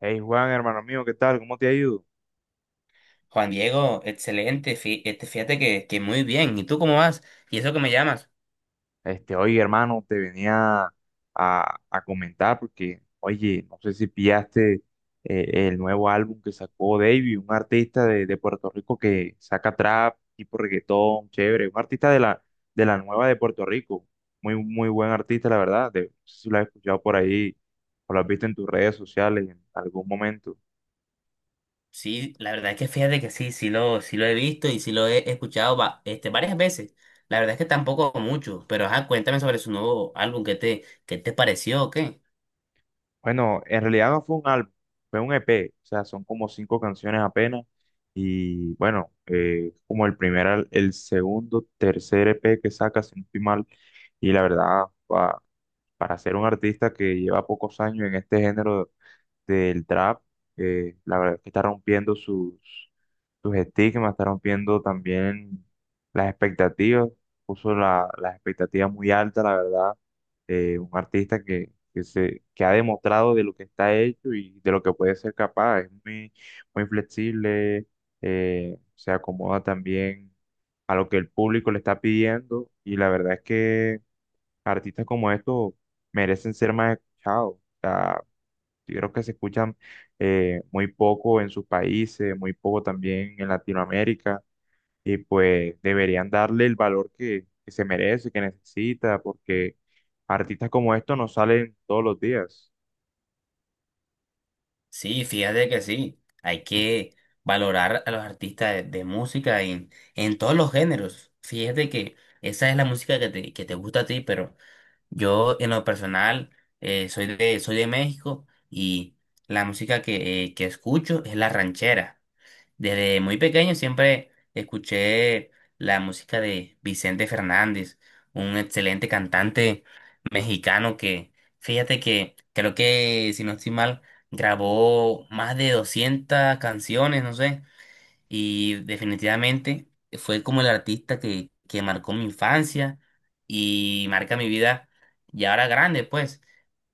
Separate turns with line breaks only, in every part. Hey Juan, hermano mío, ¿qué tal? ¿Cómo te ha ido?
Juan Diego, excelente. Este, fíjate que muy bien. ¿Y tú cómo vas? ¿Y eso que me llamas?
Oye, hermano, te venía a comentar porque, oye, no sé si pillaste el nuevo álbum que sacó Davey, un artista de Puerto Rico que saca trap, tipo reggaetón, chévere, un artista de la nueva de Puerto Rico, muy, muy buen artista, la verdad, no sé si lo has escuchado por ahí o lo has visto en tus redes sociales en algún momento.
Sí, la verdad es que fíjate que sí, sí lo he visto y sí lo he escuchado, este, varias veces. La verdad es que tampoco mucho, pero ajá, cuéntame sobre su nuevo álbum. ¿Qué te pareció o qué?
Bueno, en realidad no fue un álbum, fue un EP, o sea, son como cinco canciones apenas. Y bueno, como el primer, el segundo, tercer EP que saca, si no estoy mal. Y la verdad, para ser un artista que lleva pocos años en este género, del trap. Eh, la verdad es que está rompiendo sus, sus estigmas, está rompiendo también las expectativas, puso las expectativas muy altas, la verdad. Eh, un artista que, que ha demostrado de lo que está hecho y de lo que puede ser capaz. Es muy, muy flexible, se acomoda también a lo que el público le está pidiendo, y la verdad es que artistas como estos merecen ser más escuchados. O sea, creo que se escuchan muy poco en sus países, muy poco también en Latinoamérica, y pues deberían darle el valor que se merece, que necesita, porque artistas como estos no salen todos los días.
Sí, fíjate que sí. Hay que valorar a los artistas de música, en todos los géneros. Fíjate que esa es la música que te gusta a ti, pero yo, en lo personal, soy de México, y la música que escucho es la ranchera. Desde muy pequeño siempre escuché la música de Vicente Fernández, un excelente cantante mexicano fíjate que creo que, si no estoy mal, grabó más de 200 canciones, no sé, y definitivamente fue como el artista que marcó mi infancia y marca mi vida ya ahora grande, pues,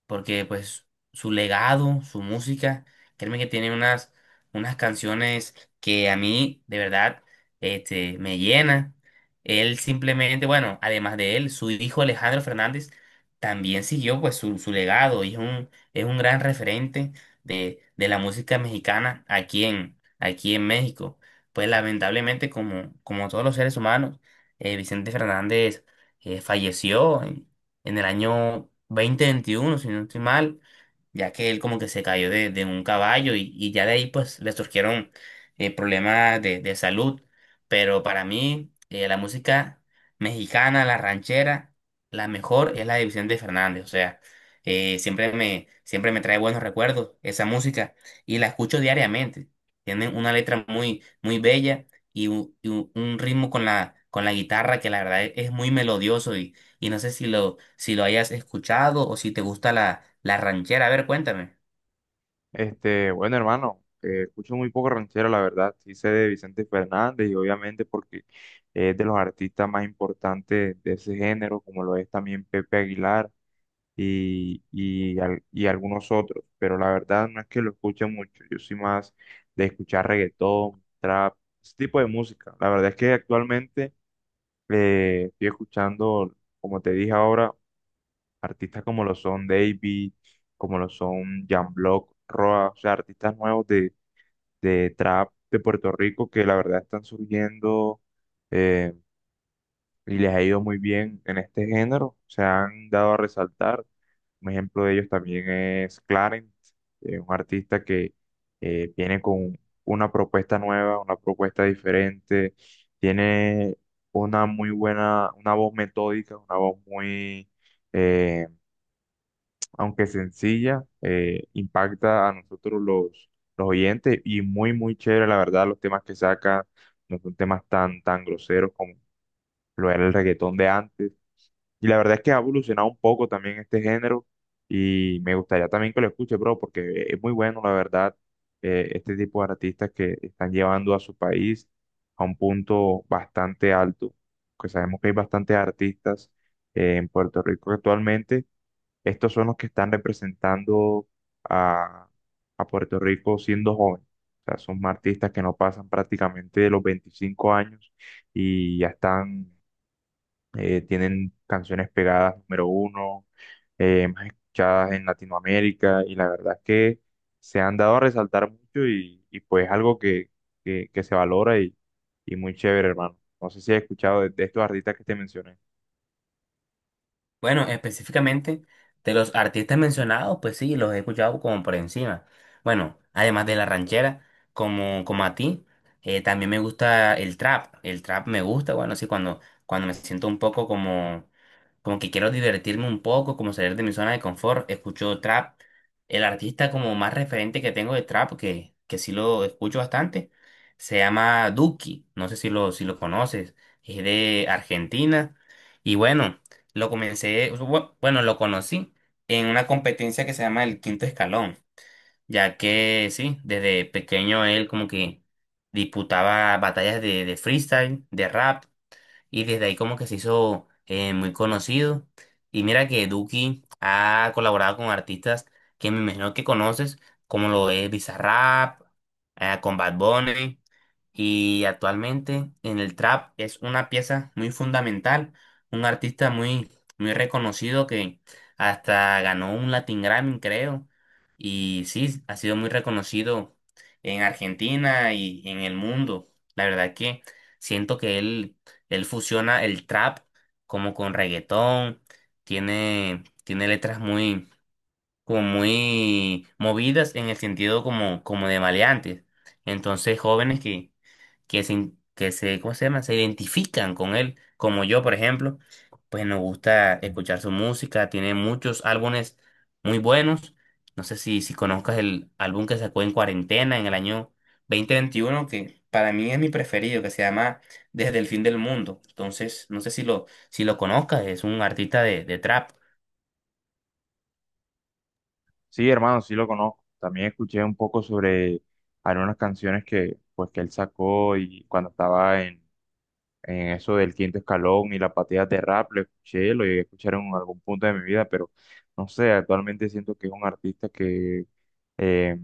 porque pues su legado, su música, créeme que tiene unas, canciones que a mí de verdad, este, me llena. Él simplemente, bueno, además de él, su hijo Alejandro Fernández también siguió pues su legado, y es un gran referente de la música mexicana aquí en, aquí en México. Pues lamentablemente, como todos los seres humanos, Vicente Fernández falleció en, el año 2021, si no estoy mal, ya que él como que se cayó de un caballo y ya de ahí pues le surgieron, problemas de salud. Pero para mí, la música mexicana, la ranchera, la mejor es la de Vicente Fernández. O sea, siempre me trae buenos recuerdos esa música, y la escucho diariamente. Tienen una letra muy muy bella, y un ritmo con la guitarra, que la verdad es muy melodioso, y no sé si lo, si lo hayas escuchado, o si te gusta la ranchera. A ver, cuéntame.
Bueno, hermano, escucho muy poco ranchero, la verdad. Sí sé de Vicente Fernández, y obviamente porque es de los artistas más importantes de ese género, como lo es también Pepe Aguilar. Y algunos otros, pero la verdad no es que lo escuche mucho, yo soy más de escuchar reggaetón, trap, ese tipo de música. La verdad es que actualmente estoy escuchando, como te dije ahora, artistas como lo son Davey, como lo son Jan Block, Roa, o sea, artistas nuevos de trap de Puerto Rico que la verdad están surgiendo, eh, y les ha ido muy bien en este género, se han dado a resaltar. Un ejemplo de ellos también es Clarence, un artista que viene con una propuesta nueva, una propuesta diferente, tiene una muy buena, una voz metódica, una voz muy, eh, aunque sencilla, impacta a nosotros los oyentes, y muy, muy chévere, la verdad, los temas que saca no son temas tan, tan groseros como lo era el reggaetón de antes. Y la verdad es que ha evolucionado un poco también este género, y me gustaría también que lo escuche, bro, porque es muy bueno, la verdad, este tipo de artistas que están llevando a su país a un punto bastante alto, que sabemos que hay bastantes artistas en Puerto Rico actualmente. Estos son los que están representando a, a Puerto Rico siendo jóvenes. O sea, son artistas que no pasan prácticamente de los 25 años y ya están, tienen canciones pegadas número uno, más escuchadas en Latinoamérica, y la verdad es que se han dado a resaltar mucho y pues algo que, que se valora, y muy chévere, hermano. No sé si has escuchado de estos artistas que te mencioné.
Bueno, específicamente, de los artistas mencionados, pues sí, los he escuchado como por encima. Bueno, además de la ranchera, como a ti, también me gusta el trap. El trap me gusta, bueno, sí, cuando, me siento un poco como, que quiero divertirme un poco, como salir de mi zona de confort, escucho trap. El artista como más referente que tengo de trap, que, sí lo escucho bastante, se llama Duki. No sé si lo, conoces, es de Argentina. Y bueno, lo comencé, bueno, lo conocí en una competencia que se llama el Quinto Escalón, ya que sí, desde pequeño, él como que disputaba batallas de freestyle, de rap, y desde ahí como que se hizo, muy conocido. Y mira que Duki ha colaborado con artistas que me imagino que conoces, como lo es Bizarrap, con Bad Bunny. Y actualmente, en el trap, es una pieza muy fundamental, un artista muy, muy reconocido, que hasta ganó un Latin Grammy, creo. Y sí, ha sido muy reconocido en Argentina y en el mundo. La verdad, que siento que él fusiona el trap como con reggaetón, tiene, letras muy, como muy movidas, en el sentido como, de maleantes. Entonces, jóvenes que se, ¿cómo se llama?, se identifican con él, como yo, por ejemplo, pues nos gusta escuchar su música, tiene muchos álbumes muy buenos. No sé si, conozcas el álbum que sacó en cuarentena en el año 2021, que para mí es mi preferido, que se llama Desde el Fin del Mundo. Entonces, no sé si lo, conozcas, es un artista de trap.
Sí, hermano, sí lo conozco. También escuché un poco sobre algunas canciones que, pues, que él sacó y cuando estaba en eso del quinto escalón y la pateada de rap, lo escuché, lo llegué a escuchar en algún punto de mi vida, pero no sé, actualmente siento que es un artista que eh,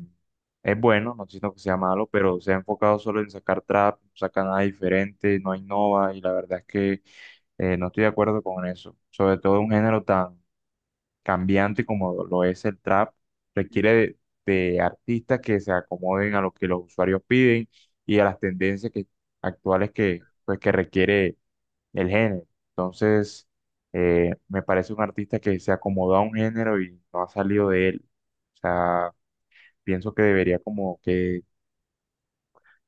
es bueno, no siento que sea malo, pero se ha enfocado solo en sacar trap, no saca nada diferente, no innova, y la verdad es que no estoy de acuerdo con eso. Sobre todo un género tan cambiante como lo es el trap, requiere de artistas que se acomoden a lo que los usuarios piden y a las tendencias que, actuales que, pues, que requiere el género. Entonces, me parece un artista que se acomodó a un género y no ha salido de él. O sea, pienso que debería como que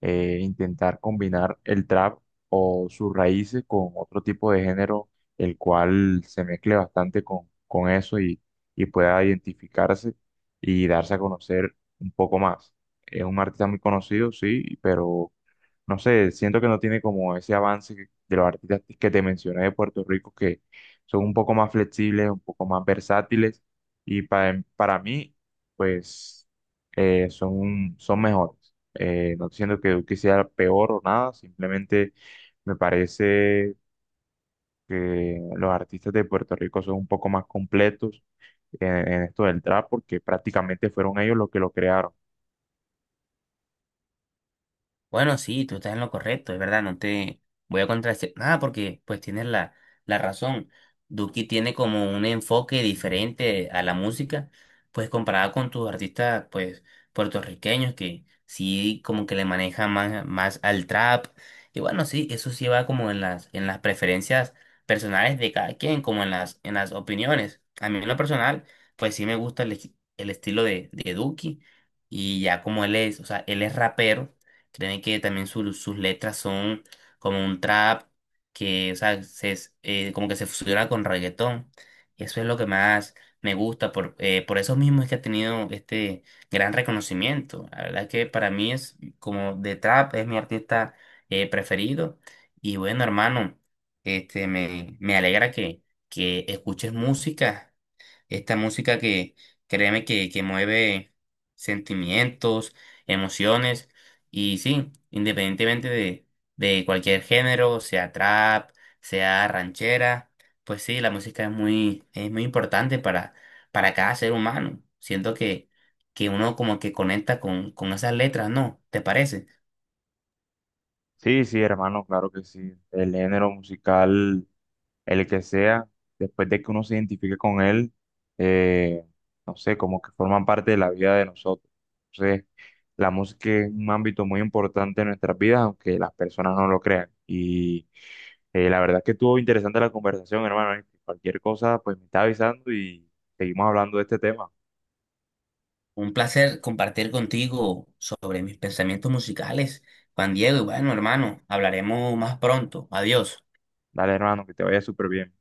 intentar combinar el trap o sus raíces con otro tipo de género, el cual se mezcle bastante con eso, y pueda identificarse y darse a conocer un poco más. Es un artista muy conocido, sí, pero no sé, siento que no tiene como ese avance de los artistas que te mencioné de Puerto Rico, que son un poco más flexibles, un poco más versátiles, y para mí, pues, son mejores. No estoy diciendo que Duque sea peor o nada, simplemente me parece que los artistas de Puerto Rico son un poco más completos en esto del trap, porque prácticamente fueron ellos los que lo crearon.
Bueno, sí, tú estás en lo correcto, es verdad, no te voy a contradecir nada, porque pues tienes la razón. Duki tiene como un enfoque diferente a la música, pues comparada con tus artistas, pues, puertorriqueños, que sí como que le manejan más, más al trap. Y bueno, sí, eso sí va como en las preferencias personales de cada quien, como en las opiniones. A mí, en lo personal, pues sí me gusta el estilo de Duki, y ya, como él es, o sea, él es rapero. Créeme que también sus letras son como un trap que, o sea, como que se fusiona con reggaetón. Y eso es lo que más me gusta. Por eso mismo es que ha tenido este gran reconocimiento. La verdad, que para mí, es como de trap, es mi artista, preferido. Y bueno, hermano, este, me, alegra que, escuches música. Esta música que créeme que, mueve sentimientos, emociones, y sí, independientemente de cualquier género, sea trap, sea ranchera, pues sí, la música es muy importante para, cada ser humano. Siento que, uno como que conecta con, esas letras, ¿no? ¿Te parece?
Sí, sí, hermano, claro que sí. El género musical el que sea, después de que uno se identifique con él, eh, no sé, como que forman parte de la vida de nosotros. Entonces, la música es un ámbito muy importante en nuestras vidas, aunque las personas no lo crean. Y la verdad es que estuvo interesante la conversación, hermano. Cualquier cosa, pues me está avisando y seguimos hablando de este tema.
Un placer compartir contigo sobre mis pensamientos musicales, Juan Diego, y bueno, hermano, hablaremos más pronto. Adiós.
Dale, hermano, que te vaya súper bien.